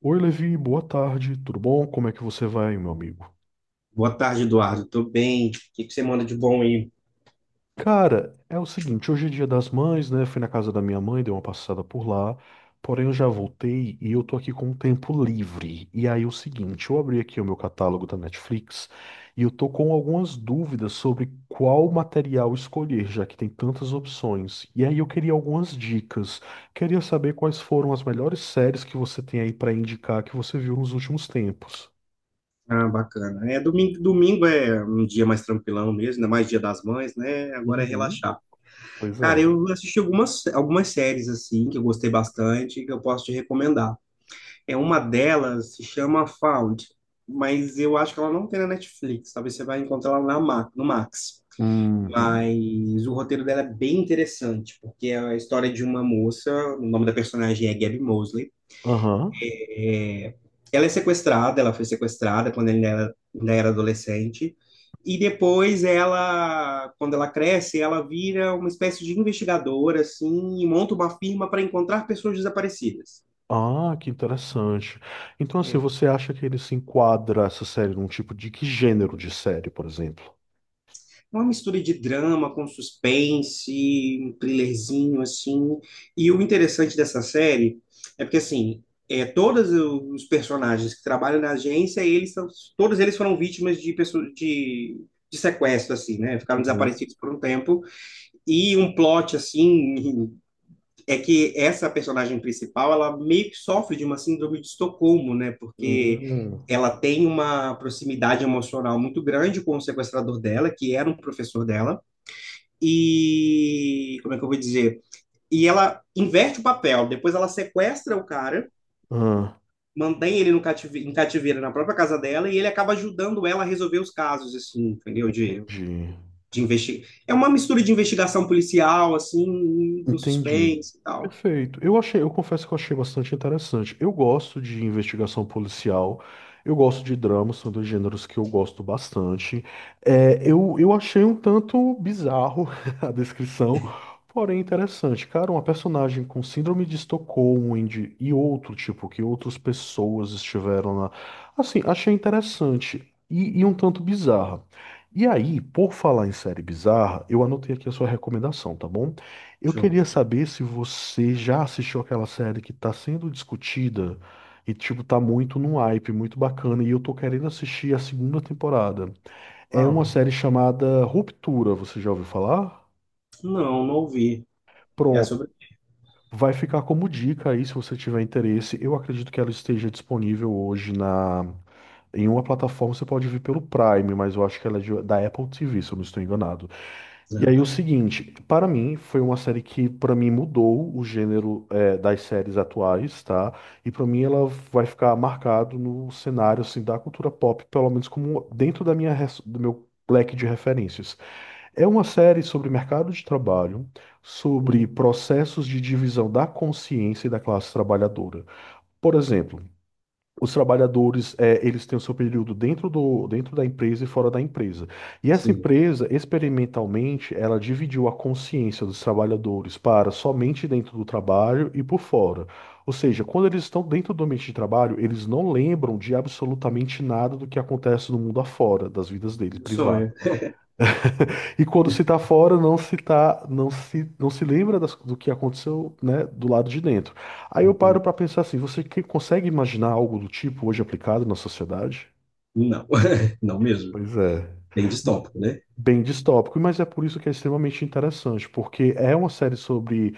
Oi, Levi, boa tarde, tudo bom? Como é que você vai, meu amigo? Boa tarde, Eduardo. Tô bem. O que que você manda de bom aí? Cara, é o seguinte, hoje é dia das mães, né? Fui na casa da minha mãe, dei uma passada por lá, porém eu já voltei e eu tô aqui com o tempo livre. E aí, o seguinte, eu abri aqui o meu catálogo da Netflix e eu tô com algumas dúvidas sobre qual material escolher, já que tem tantas opções. E aí, eu queria algumas dicas. Queria saber quais foram as melhores séries que você tem aí pra indicar que você viu nos últimos tempos. Ah, bacana. É, domingo, domingo é um dia mais tranquilão mesmo, ainda mais Dia das Mães, né? Agora é Uhum, relaxar. pois é. Cara, eu assisti algumas séries, assim, que eu gostei bastante, que eu posso te recomendar. É uma delas, se chama Found, mas eu acho que ela não tem na Netflix, talvez você vai encontrar ela no Max. Uhum. Mas o roteiro dela é bem interessante, porque é a história de uma moça, o nome da personagem é Gabby Mosley. Aham. É, Ela é sequestrada, ela foi sequestrada quando ainda era adolescente, e depois ela, quando ela cresce, ela vira uma espécie de investigadora, assim, e monta uma firma para encontrar pessoas desaparecidas. Ah, que interessante. Então, assim, É, você acha que ele se enquadra essa série num tipo de que gênero de série, por exemplo? Uma mistura de drama com suspense, um thrillerzinho assim. E o interessante dessa série é porque assim, todos os personagens que trabalham na agência, todos eles foram vítimas de pessoas de sequestro assim, né? Ficaram Uhum. desaparecidos por um tempo. E um plot assim é que essa personagem principal, ela meio que sofre de uma síndrome de Estocolmo, né? Porque Hum. ela tem uma proximidade emocional muito grande com o sequestrador dela, que era um professor dela Como é que eu vou dizer? E ela inverte o papel. Depois ela sequestra o cara, Ah, mantém ele no cative... em cativeiro na própria casa dela e ele acaba ajudando ela a resolver os casos, assim, entendeu? De, entendi. de investir. É uma mistura de investigação policial, assim, com Entendi. suspense e tal. Perfeito. Eu achei, eu confesso que eu achei bastante interessante. Eu gosto de investigação policial, eu gosto de drama, são dois gêneros que eu gosto bastante. É, eu achei um tanto bizarro a descrição, porém interessante. Cara, uma personagem com síndrome de Estocolmo e outro tipo, que outras pessoas estiveram lá. Assim, achei interessante e um tanto bizarra. E aí, por falar em série bizarra, eu anotei aqui a sua recomendação, tá bom? Eu Show. queria saber se você já assistiu aquela série que está sendo discutida e, tipo, tá muito no hype, muito bacana, e eu tô querendo assistir a segunda temporada. É uma Uau. série chamada Ruptura, você já ouviu falar? Não, não ouvi. É Pronto. sobre. Vai ficar como dica aí, se você tiver interesse. Eu acredito que ela esteja disponível hoje na... em uma plataforma, você pode ver pelo Prime, mas eu acho que ela da Apple TV, se eu não estou enganado. E aí o Apresenta. seguinte, para mim foi uma série que para mim mudou o gênero das séries atuais, tá? E para mim ela vai ficar marcado no cenário assim da cultura pop, pelo menos como dentro da do meu leque de referências. É uma série sobre mercado de trabalho, sobre Hum. processos de divisão da consciência e da classe trabalhadora. Por exemplo, os trabalhadores, é, eles têm o seu período dentro da empresa e fora da empresa. E essa Sim, empresa, experimentalmente, ela dividiu a consciência dos trabalhadores para somente dentro do trabalho e por fora. Ou seja, quando eles estão dentro do ambiente de trabalho, eles não lembram de absolutamente nada do que acontece no mundo afora, das vidas deles meu privadas. sonho. E quando se está fora, não se tá, não se, não se lembra do que aconteceu, né, do lado de dentro. Aí eu paro para pensar assim, você consegue imaginar algo do tipo hoje aplicado na sociedade? Não, não mesmo. Pois é. Bem Ma- distópico, né? Bem distópico, mas é por isso que é extremamente interessante, porque é uma série sobre.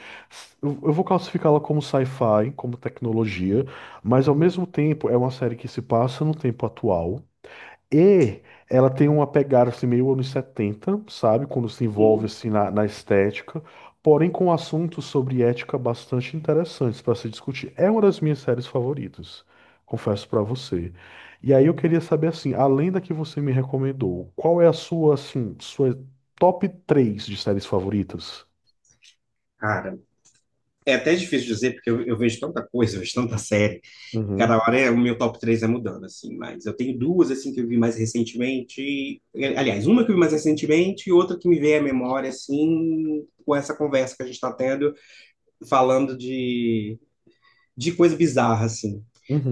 Eu vou classificá-la como sci-fi, como tecnologia, mas ao mesmo tempo é uma série que se passa no tempo atual. E ela tem uma pegada assim, meio anos 70, sabe? Quando se envolve Sim. assim na estética, porém com assuntos sobre ética bastante interessantes para se discutir. É uma das minhas séries favoritas, confesso para você. E aí eu queria saber assim, além da que você me recomendou, qual é a sua assim, sua top 3 de séries favoritas? Cara, é até difícil dizer, porque eu vejo tanta coisa, eu vejo tanta série, cada Uhum. hora o meu top 3 é mudando, assim, mas eu tenho duas, assim, que eu vi mais recentemente, aliás, uma que eu vi mais recentemente e outra que me veio à memória, assim, com essa conversa que a gente está tendo, falando de coisa bizarra, assim.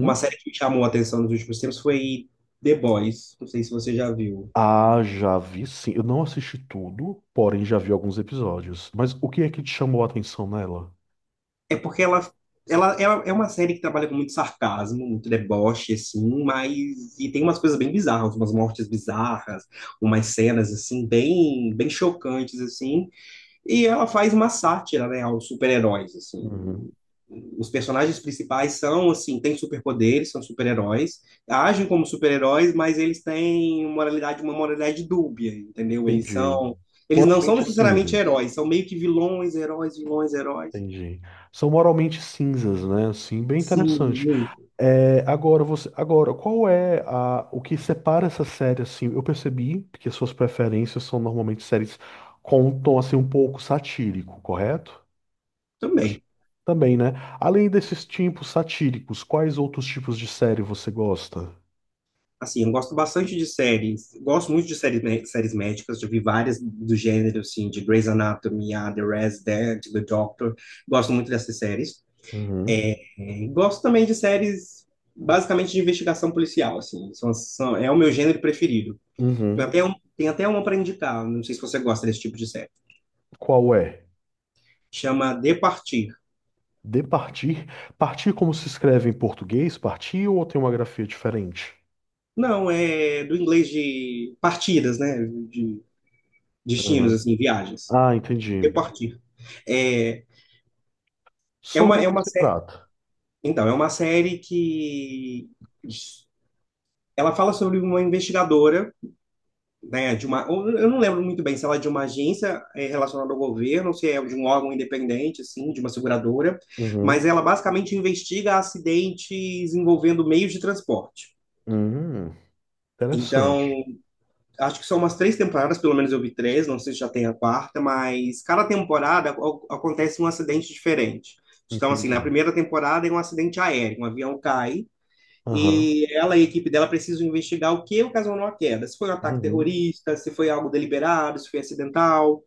Uma série que me chamou a atenção nos últimos tempos foi The Boys, não sei se você já viu. Ah, já vi sim. Eu não assisti tudo, porém já vi alguns episódios. Mas o que é que te chamou a atenção nela? É porque ela é uma série que trabalha com muito sarcasmo, muito deboche, assim, mas. E tem umas coisas bem bizarras, umas mortes bizarras, umas cenas, assim, bem, bem chocantes, assim. E ela faz uma sátira, né, aos super-heróis, assim. Uhum. Os personagens principais são, assim, têm superpoderes, são super-heróis, agem como super-heróis, mas eles têm moralidade, uma moralidade dúbia, entendeu? Eles Entendi. são. Eles não são Moralmente necessariamente cinzas. heróis, são meio que vilões, heróis, vilões, heróis. Entendi. São moralmente cinzas, né? Sim, bem Sim. interessante. É, agora qual é a, o que separa essa série assim? Eu percebi que as suas preferências são normalmente séries com um tom assim um pouco satírico, correto? Acho- Também. Também, né? Além desses tipos satíricos, quais outros tipos de série você gosta? Assim, eu gosto bastante de séries, gosto muito de séries, séries médicas, já vi várias do gênero, assim, de Grey's Anatomy, a The Resident, The Doctor, gosto muito dessas séries. Uhum. É, gosto também de séries, basicamente, de investigação policial, assim, é o meu gênero preferido. Tem Uhum. até, um, tem até uma para indicar, não sei se você gosta desse tipo de série, Qual é? chama De Partir. De partir? Partir como se escreve em português? Partir ou tem uma grafia diferente? Não, é do inglês de partidas, né, de destinos, Uhum. assim, viagens. Ah, entendi. De Partir. É, Sobre o é que uma se trata? Então, é uma série que ela fala sobre uma investigadora, né, eu não lembro muito bem se ela é de uma agência relacionada ao governo, ou se é de um órgão independente, assim, de uma seguradora, mas Uhum. ela basicamente investiga acidentes envolvendo meios de transporte. Uhum. Interessante. Então, acho que são umas três temporadas, pelo menos eu vi três, não sei se já tem a quarta, mas cada temporada acontece um acidente diferente. Então, assim, na Entendi. primeira temporada é um acidente aéreo, um avião cai. Aham. E ela e a equipe dela precisam investigar o que ocasionou a queda. Se foi um ataque Uhum. terrorista, se foi algo deliberado, se foi acidental.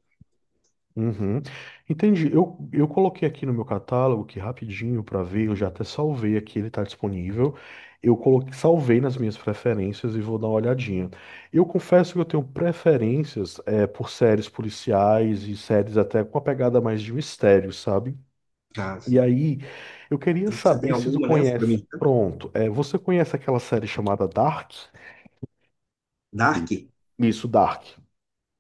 Uhum. Entendi. Eu coloquei aqui no meu catálogo que rapidinho para ver, eu já até salvei aqui, ele está disponível. Eu coloquei, salvei nas minhas preferências e vou dar uma olhadinha. Eu confesso que eu tenho preferências é, por séries policiais e séries até com a pegada mais de mistério, sabe? Ah, E sim. aí, eu queria E você tem saber se tu alguma nessa pra conhece. mim? Tá? Pronto, é, você conhece aquela série chamada Dark? Dark? Isso, Dark.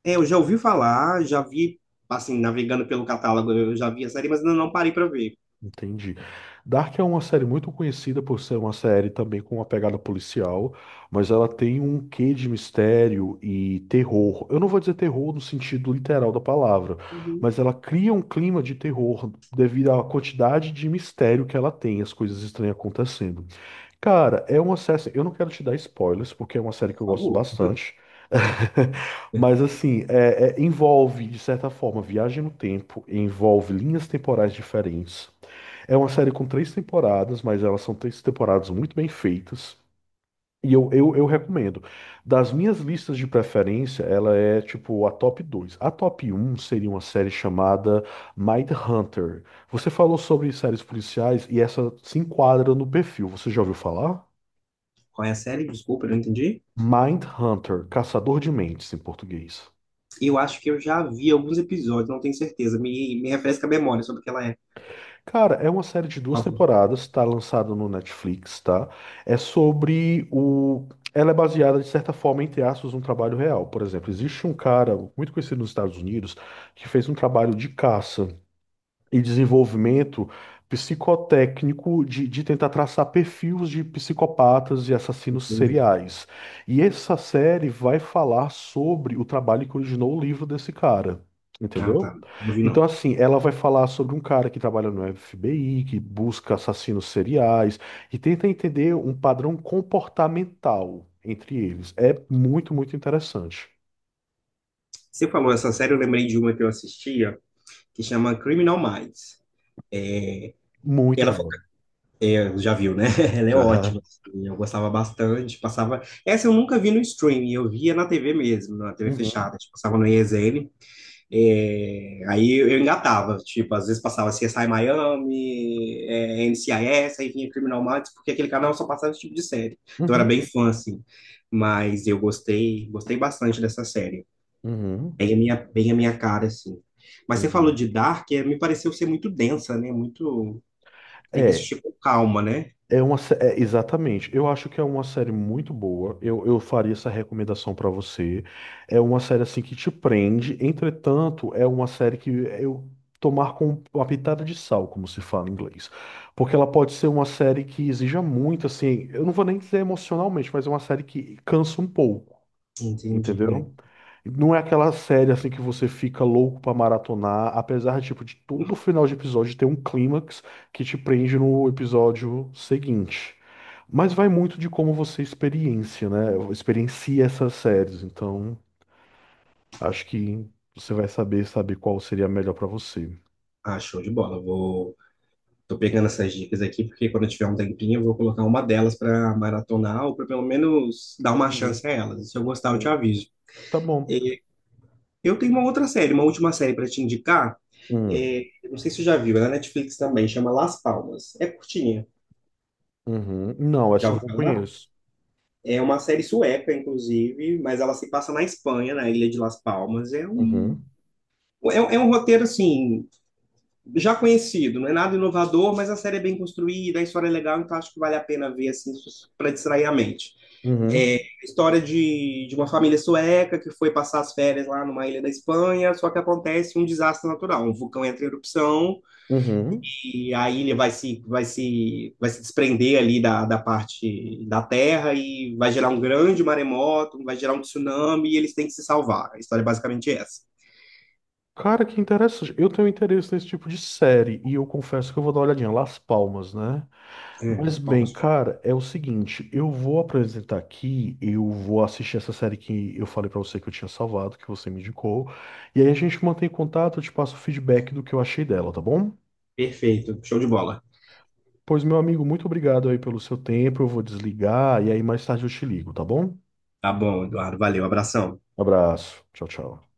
É, eu já ouvi falar, já vi, assim, navegando pelo catálogo, eu já vi a série, mas ainda não parei pra ver. Entendi. Dark é uma série muito conhecida por ser uma série também com uma pegada policial, mas ela tem um quê de mistério e terror. Eu não vou dizer terror no sentido literal da palavra, Uhum. mas ela cria um clima de terror devido à quantidade de mistério que ela tem, as coisas estranhas acontecendo. Cara, é uma série. Assim, eu não quero te dar spoilers, porque é uma série que Por eu gosto favor. bastante. Mas, assim, envolve, de certa forma, viagem no tempo, envolve linhas temporais diferentes. É uma série com três temporadas, mas elas são três temporadas muito bem feitas. E eu recomendo. Das minhas listas de preferência, ela é tipo a top 2. A top um seria uma série chamada Mindhunter. Você falou sobre séries policiais e essa se enquadra no perfil. Você já ouviu falar? Qual é a série? Desculpa, eu não entendi. Mindhunter, Caçador de Mentes em português. Eu acho que eu já vi alguns episódios, não tenho certeza. Me refresca a memória sobre o que ela é. Cara, é uma série de duas temporadas, tá lançado no Netflix, tá? É sobre o. Ela é baseada, de certa forma, entre aspas, num trabalho real. Por exemplo, existe um cara muito conhecido nos Estados Unidos que fez um trabalho de caça. E desenvolvimento psicotécnico de tentar traçar perfis de psicopatas e assassinos seriais. E essa série vai falar sobre o trabalho que originou o livro desse cara. Ah, tá. Entendeu? Não vi, Então, não. assim, ela vai falar sobre um cara que trabalha no FBI, que busca assassinos seriais e tenta entender um padrão comportamental entre eles. É muito interessante. Você falou essa série, eu lembrei de uma que eu assistia, que chama Criminal Minds. Muito Ela foi- boa. é, já viu, né? Ela é Já. ótima. Assim, eu gostava bastante. Passava. Essa eu nunca vi no streaming, eu via na TV mesmo, na TV Uhum, fechada. Tipo, passava no ESN. Aí eu engatava. Tipo, às vezes passava CSI Miami, NCIS, aí vinha Criminal Minds, porque aquele canal só passava esse tipo de série. Então eu era bem uhum, fã, assim. Mas eu gostei, gostei bastante dessa série. uhum. Bem a minha cara, assim. Mas você falou Entendi. de Dark, me pareceu ser muito densa, né? Muito. Tem que É, assistir com calma, né? Exatamente. Eu acho que é uma série muito boa. Eu faria essa recomendação pra você. É uma série assim que te prende. Entretanto, é uma série que eu tomar com uma pitada de sal, como se fala em inglês, porque ela pode ser uma série que exija muito, assim. Eu não vou nem dizer emocionalmente, mas é uma série que cansa um pouco. Entendi. É. Entendeu? Não é aquela série assim que você fica louco pra maratonar, apesar tipo de todo final de episódio ter um clímax que te prende no episódio seguinte. Mas vai muito de como você experiencia, né? Experiencia essas séries, então acho que você vai saber qual seria a melhor pra você. Ah, show de bola. Vou... Tô pegando essas dicas aqui, porque quando eu tiver um tempinho, eu vou colocar uma delas para maratonar, ou para pelo menos dar uma chance Uhum, a elas. Se eu gostar, eu te uhum. aviso. Tá bom. É, Eu tenho uma outra série, uma última série para te indicar. É, Hum, não sei se você já viu, é na Netflix também, chama Las Palmas. É curtinha, uhum. Não, já essa eu ouviu não falar? conheço. É uma série sueca, inclusive, mas ela se passa na Espanha, na ilha de Las Palmas. É um, Uhum, é, é um roteiro, assim, já conhecido, não é nada inovador, mas a série é bem construída, a história é legal, então acho que vale a pena ver assim para distrair a mente. É uhum, a história de uma família sueca que foi passar as férias lá numa ilha da Espanha, só que acontece um desastre natural, um vulcão entra em erupção uhum. e a ilha vai se desprender ali da parte da terra e vai gerar um grande maremoto, vai gerar um tsunami e eles têm que se salvar. A história é basicamente essa. Cara, que interessante. Eu tenho interesse nesse tipo de série e eu confesso que eu vou dar uma olhadinha. Las Palmas, né? É, Mas as bem, palmas. cara, é o seguinte, eu vou apresentar aqui, eu vou assistir essa série que eu falei pra você que eu tinha salvado, que você me indicou, e aí a gente mantém contato, eu te passo o feedback do que eu achei dela, tá bom? Perfeito, show de bola. Pois, meu amigo, muito obrigado aí pelo seu tempo. Eu vou desligar e aí mais tarde eu te ligo, tá bom? Tá bom, Eduardo. Valeu, abração. Abraço. Tchau, tchau.